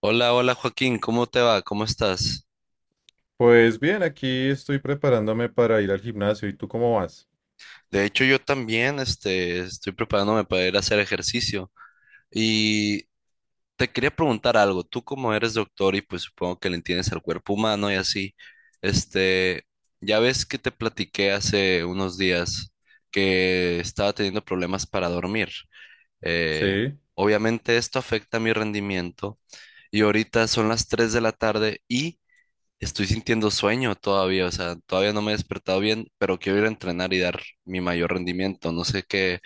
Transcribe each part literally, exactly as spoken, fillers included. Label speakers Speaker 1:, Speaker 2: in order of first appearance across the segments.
Speaker 1: Hola, hola Joaquín, ¿cómo te va? ¿Cómo estás?
Speaker 2: Pues bien, aquí estoy preparándome para ir al gimnasio. ¿Y tú cómo vas?
Speaker 1: De hecho, yo también, este, estoy preparándome para ir a hacer ejercicio y te quería preguntar algo. Tú como eres doctor y pues supongo que le entiendes al cuerpo humano y así, este, ya ves que te platiqué hace unos días que estaba teniendo problemas para dormir. Eh,
Speaker 2: Sí.
Speaker 1: Obviamente esto afecta mi rendimiento y ahorita son las tres de la tarde y estoy sintiendo sueño todavía. O sea, todavía no me he despertado bien, pero quiero ir a entrenar y dar mi mayor rendimiento. No sé qué,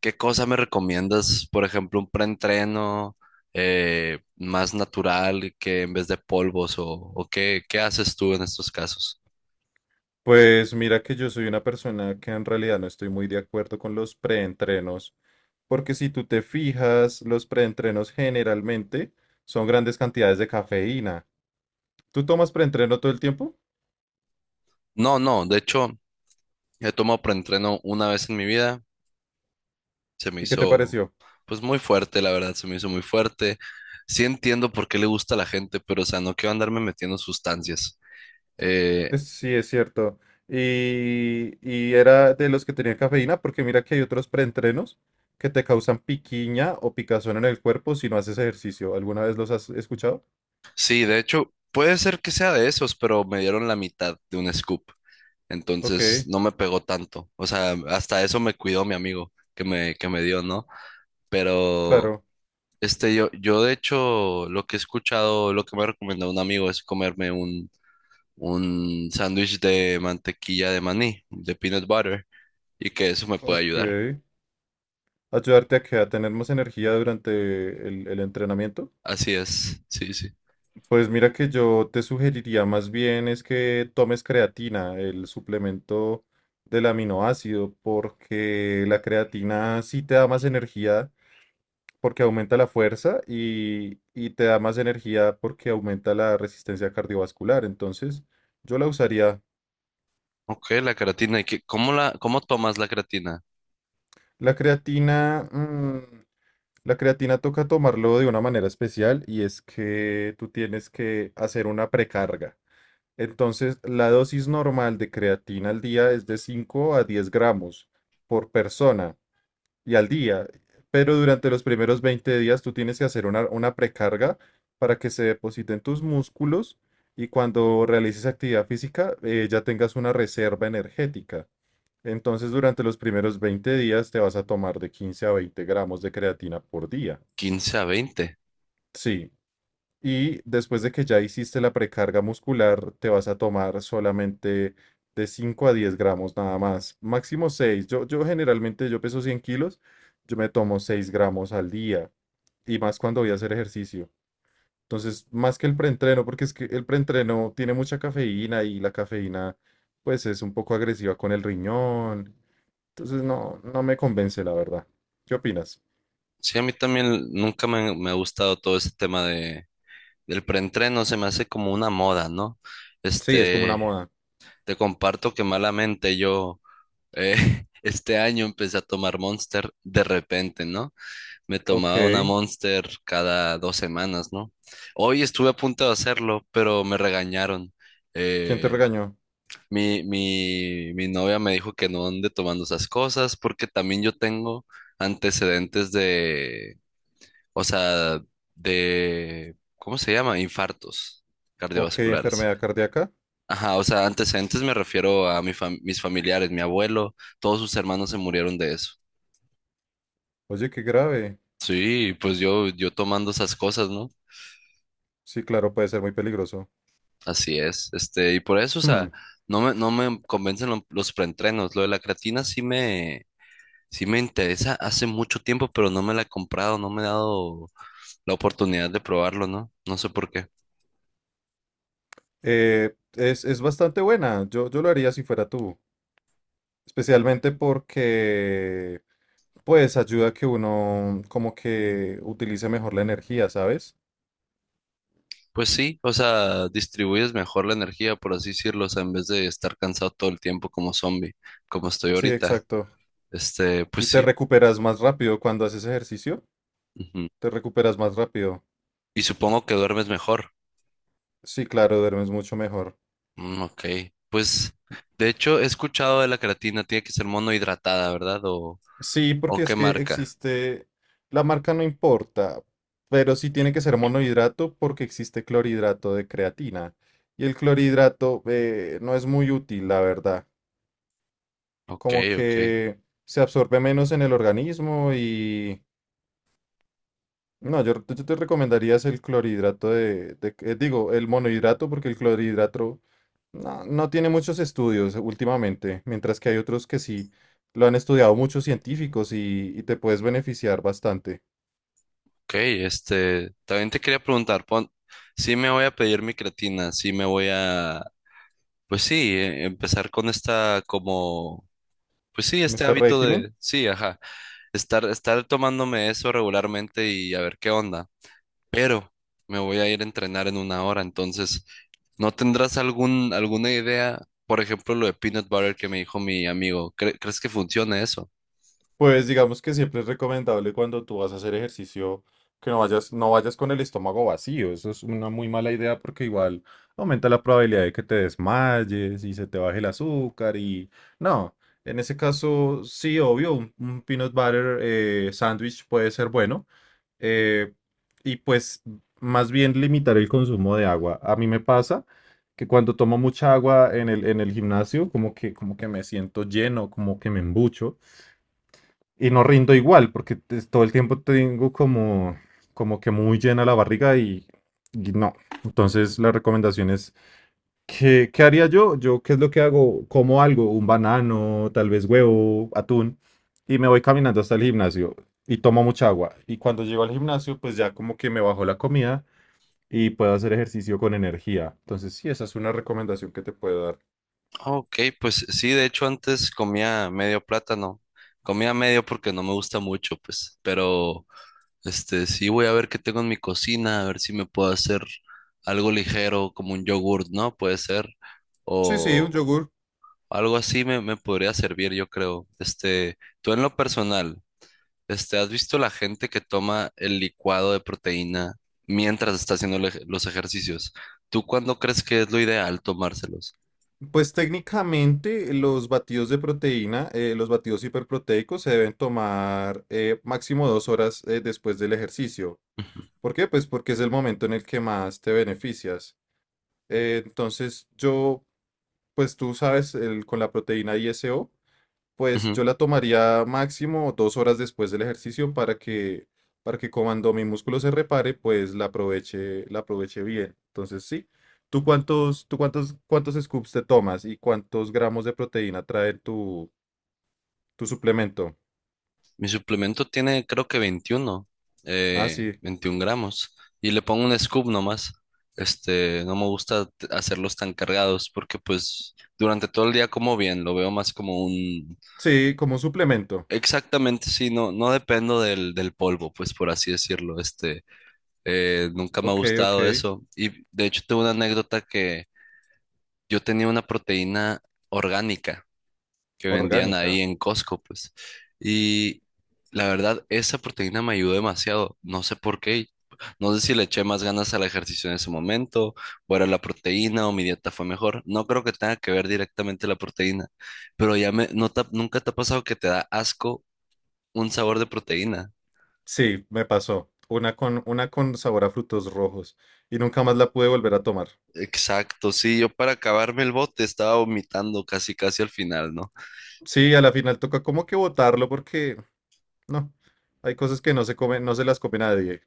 Speaker 1: qué cosa me recomiendas, por ejemplo, un preentreno eh, más natural, que en vez de polvos o, o qué, qué haces tú en estos casos.
Speaker 2: Pues mira que yo soy una persona que en realidad no estoy muy de acuerdo con los preentrenos, porque si tú te fijas, los preentrenos generalmente son grandes cantidades de cafeína. ¿Tú tomas preentreno todo el tiempo?
Speaker 1: No, no, de hecho, he tomado preentreno una vez en mi vida, se me
Speaker 2: ¿Y qué te
Speaker 1: hizo
Speaker 2: pareció?
Speaker 1: pues muy fuerte, la verdad, se me hizo muy fuerte. Sí, entiendo por qué le gusta a la gente, pero o sea, no quiero andarme metiendo sustancias. Eh.
Speaker 2: Es- Sí, es cierto. Y, y era de los que tenían cafeína, porque mira que hay otros preentrenos que te causan piquiña o picazón en el cuerpo si no haces ejercicio. ¿Alguna vez los has escuchado?
Speaker 1: Sí, de hecho, puede ser que sea de esos, pero me dieron la mitad de un scoop.
Speaker 2: Ok,
Speaker 1: Entonces no me pegó tanto. O sea, hasta eso me cuidó mi amigo que me, que me dio, ¿no? Pero
Speaker 2: claro,
Speaker 1: este, yo, yo de hecho, lo que he escuchado, lo que me recomendó un amigo es comerme un, un sándwich de mantequilla de maní, de peanut butter, y que eso me puede ayudar.
Speaker 2: ok. Ayudarte a que a tener más energía durante el, el entrenamiento.
Speaker 1: Así es, sí, sí.
Speaker 2: Pues mira que yo te sugeriría más bien es que tomes creatina, el suplemento del aminoácido, porque la creatina sí te da más energía porque aumenta la fuerza y, y te da más energía porque aumenta la resistencia cardiovascular. Entonces, yo la usaría.
Speaker 1: Ok, la creatina. ¿Y qué- cómo la, cómo tomas la creatina?
Speaker 2: La creatina, mm, la creatina toca tomarlo de una manera especial y es que tú tienes que hacer una precarga. Entonces, la dosis normal de creatina al día es de cinco a diez gramos por persona y al día. Pero durante los primeros veinte días tú tienes que hacer una, una precarga para que se depositen tus músculos y cuando realices actividad física eh, ya tengas una reserva energética. Entonces durante los primeros veinte días te vas a tomar de quince a veinte gramos de creatina por día.
Speaker 1: Quince a veinte.
Speaker 2: Sí, y después de que ya hiciste la precarga muscular, te vas a tomar solamente de cinco a diez gramos nada más, máximo seis. Yo, yo generalmente, yo peso cien kilos, yo me tomo seis gramos al día, y más cuando voy a hacer ejercicio. Entonces, más que el preentreno, porque es que el preentreno tiene mucha cafeína y la cafeína, pues es un poco agresiva con el riñón. Entonces, no, no me convence, la verdad. ¿Qué opinas?
Speaker 1: Sí, a mí también nunca me, me ha gustado todo ese tema de, del preentreno, se me hace como una moda, ¿no?
Speaker 2: Sí, es como una
Speaker 1: Este,
Speaker 2: moda.
Speaker 1: te comparto que malamente yo eh, este año empecé a tomar Monster de repente, ¿no? Me
Speaker 2: Ok.
Speaker 1: tomaba una Monster cada dos semanas, ¿no? Hoy estuve a punto de hacerlo, pero me regañaron.
Speaker 2: ¿Quién te
Speaker 1: Eh,
Speaker 2: regañó?
Speaker 1: mi, mi, mi novia me dijo que no ande tomando esas cosas porque también yo tengo antecedentes de, o sea, de, ¿cómo se llama? Infartos
Speaker 2: Ok,
Speaker 1: cardiovasculares.
Speaker 2: enfermedad cardíaca.
Speaker 1: Ajá, o sea, antecedentes me refiero a mi fam- mis familiares, mi abuelo, todos sus hermanos se murieron de eso.
Speaker 2: Oye, qué grave.
Speaker 1: Sí, pues yo, yo tomando esas cosas, ¿no?
Speaker 2: Sí, claro, puede ser muy peligroso.
Speaker 1: Así es. Este, y por eso, o
Speaker 2: Hmm.
Speaker 1: sea, no me, no me convencen lo- los preentrenos. Lo de la creatina sí me, sí me interesa hace mucho tiempo, pero no me la he comprado, no me he dado la oportunidad de probarlo, ¿no? No sé por qué.
Speaker 2: Eh, es, es bastante buena. Yo, yo lo haría si fuera tú. Especialmente porque, pues, ayuda a que uno como que utilice mejor la energía, ¿sabes?
Speaker 1: Pues sí, o sea, distribuyes mejor la energía, por así decirlo, o sea, en vez de estar cansado todo el tiempo como zombie, como estoy
Speaker 2: Sí,
Speaker 1: ahorita.
Speaker 2: exacto.
Speaker 1: Este, pues
Speaker 2: Y te
Speaker 1: sí.
Speaker 2: recuperas más rápido cuando haces ejercicio.
Speaker 1: Ujú.
Speaker 2: Te recuperas más rápido.
Speaker 1: Y supongo que duermes mejor.
Speaker 2: Sí, claro, duermes mucho mejor.
Speaker 1: Mm, ok, pues de hecho he escuchado de la creatina, tiene que ser monohidratada, ¿verdad? ¿O,
Speaker 2: Sí, porque
Speaker 1: o
Speaker 2: es
Speaker 1: qué
Speaker 2: que
Speaker 1: marca?
Speaker 2: existe, la marca no importa, pero sí tiene que ser monohidrato porque existe clorhidrato de creatina. Y el clorhidrato eh, no es muy útil, la verdad.
Speaker 1: Ok,
Speaker 2: Como
Speaker 1: ok,
Speaker 2: que se absorbe menos en el organismo y... No, yo, yo te recomendaría es el clorhidrato de, de- eh, digo, el monohidrato porque el clorhidrato no, no tiene muchos estudios últimamente, mientras que hay otros que sí lo han estudiado muchos científicos y y te puedes beneficiar bastante.
Speaker 1: ok, este, también te quería preguntar, pon, sí me voy a pedir mi creatina, sí me voy a, pues sí, eh, empezar con esta como, pues sí,
Speaker 2: En
Speaker 1: este
Speaker 2: este
Speaker 1: hábito
Speaker 2: régimen,
Speaker 1: de, sí, ajá, estar, estar tomándome eso regularmente y a ver qué onda. Pero me voy a ir a entrenar en una hora, entonces, ¿no tendrás algún, alguna idea? Por ejemplo, lo de peanut butter que me dijo mi amigo, ¿cre- ¿crees que funcione eso?
Speaker 2: pues digamos que siempre es recomendable cuando tú vas a hacer ejercicio que no vayas, no vayas con el estómago vacío. Eso es una muy mala idea porque igual aumenta la probabilidad de que te desmayes y se te baje el azúcar y no. En ese caso, sí, obvio, un, un peanut butter eh, sándwich puede ser bueno. eh, y pues más bien limitar el consumo de agua. A mí me pasa que cuando tomo mucha agua en el, en el gimnasio, como que, como que me siento lleno, como que me embucho, y no rindo igual, porque es- todo el tiempo tengo como, como que muy llena la barriga y, y no. Entonces la recomendación es, ¿qué, ¿qué haría yo? Yo, ¿qué es lo que hago? Como algo, un banano, tal vez huevo, atún, y me voy caminando hasta el gimnasio y tomo mucha agua. Y cuando llego al gimnasio, pues ya como que me bajo la comida y puedo hacer ejercicio con energía. Entonces, sí, esa es una recomendación que te puedo dar.
Speaker 1: Ok, pues sí, de hecho antes comía medio plátano, comía medio porque no me gusta mucho, pues, pero… Este, sí, voy a ver qué tengo en mi cocina, a ver si me puedo hacer algo ligero, como un yogurt, ¿no? Puede ser.
Speaker 2: Sí, sí, un
Speaker 1: O
Speaker 2: yogur.
Speaker 1: algo así me, me podría servir, yo creo. Este, tú en lo personal, este, ¿has visto la gente que toma el licuado de proteína mientras está haciendo el ej- los ejercicios? ¿Tú cuándo crees que es lo ideal tomárselos?
Speaker 2: Pues técnicamente los batidos de proteína, eh, los batidos hiperproteicos se deben tomar eh, máximo dos horas eh, después del ejercicio.
Speaker 1: Ujú,
Speaker 2: ¿Por qué? Pues porque es el momento en el que más te beneficias. Eh, entonces yo, pues tú sabes, el- con la proteína I S O. Pues
Speaker 1: ujú.
Speaker 2: yo la tomaría máximo dos horas después del ejercicio para que, para que cuando mi músculo se repare, pues la aproveche, la aproveche bien. Entonces, sí. ¿Tú cuántos, tú cuántos, ¿cuántos scoops te tomas y cuántos gramos de proteína trae tu, tu suplemento?
Speaker 1: Mi suplemento tiene, creo que veintiuno,
Speaker 2: Ah,
Speaker 1: eh,
Speaker 2: sí.
Speaker 1: veintiún gramos. Y le pongo un scoop nomás. Este, no me gusta t- hacerlos tan cargados, porque pues durante todo el día como bien, lo veo más como un…
Speaker 2: Sí, como un suplemento.
Speaker 1: Exactamente, sí, no, no dependo del, del polvo, pues por así decirlo. Este, eh, nunca me ha
Speaker 2: Ok, ok.
Speaker 1: gustado eso. Y de hecho tengo una anécdota que yo tenía una proteína orgánica, que vendían ahí
Speaker 2: Orgánica.
Speaker 1: en Costco, pues. Y la verdad, esa proteína me ayudó demasiado. No sé por qué. No sé si le eché más ganas al ejercicio en ese momento, o era la proteína, o mi dieta fue mejor. No creo que tenga que ver directamente la proteína, pero ya me, no te ha- nunca te ha pasado que te da asco un sabor de proteína.
Speaker 2: Sí, me pasó. Una con, una con sabor a frutos rojos. Y nunca más la pude volver a tomar.
Speaker 1: Exacto, sí, yo para acabarme el bote estaba vomitando casi casi al final, ¿no?
Speaker 2: Sí, a la final toca como que botarlo porque no, hay cosas que no se comen, no se las come nadie.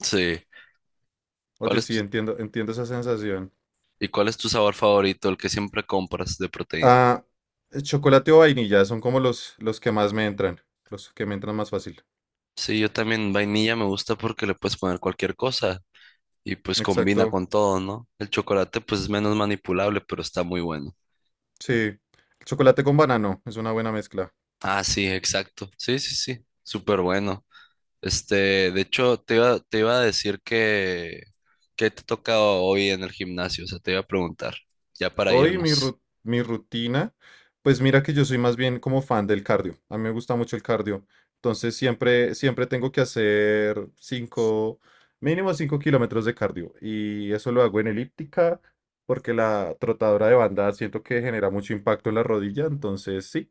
Speaker 1: Sí. ¿Cuál
Speaker 2: Oye,
Speaker 1: es
Speaker 2: sí,
Speaker 1: tu,
Speaker 2: entiendo, entiendo esa sensación.
Speaker 1: y cuál es tu sabor favorito, el que siempre compras de proteína?
Speaker 2: Ah, eh, chocolate o vainilla son como los, los que más me entran, los que me entran más fácil.
Speaker 1: Sí, yo también vainilla me gusta porque le puedes poner cualquier cosa y pues combina
Speaker 2: Exacto,
Speaker 1: con todo, ¿no? El chocolate pues es menos manipulable, pero está muy bueno.
Speaker 2: sí. Chocolate con banano es una buena mezcla.
Speaker 1: Ah, sí, exacto. Sí, sí, sí. Súper bueno. Este, de hecho, te iba, te iba a decir que, que te toca hoy en el gimnasio, o sea, te iba a preguntar, ya para
Speaker 2: Hoy mi,
Speaker 1: irnos.
Speaker 2: ru- mi rutina, pues mira que yo soy más bien como fan del cardio. A mí me gusta mucho el cardio. Entonces siempre, siempre tengo que hacer cinco, mínimo cinco kilómetros de cardio. Y eso lo hago en elíptica porque la trotadora de banda siento que genera mucho impacto en la rodilla. Entonces sí,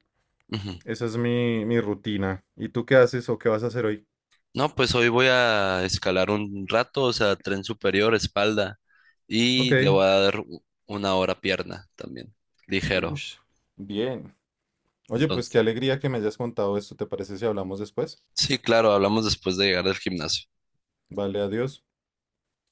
Speaker 1: Ujú.
Speaker 2: esa es mi, mi rutina. ¿Y tú qué haces o qué vas a hacer hoy?
Speaker 1: No, pues hoy voy a escalar un rato, o sea, tren superior, espalda, y le
Speaker 2: Ok.
Speaker 1: voy a dar u- una hora pierna también, ligero.
Speaker 2: Ush, bien. Oye, pues qué
Speaker 1: Entonces,
Speaker 2: alegría que me hayas contado esto. ¿Te parece si hablamos después?
Speaker 1: sí, claro, hablamos después de llegar del gimnasio.
Speaker 2: Vale, adiós.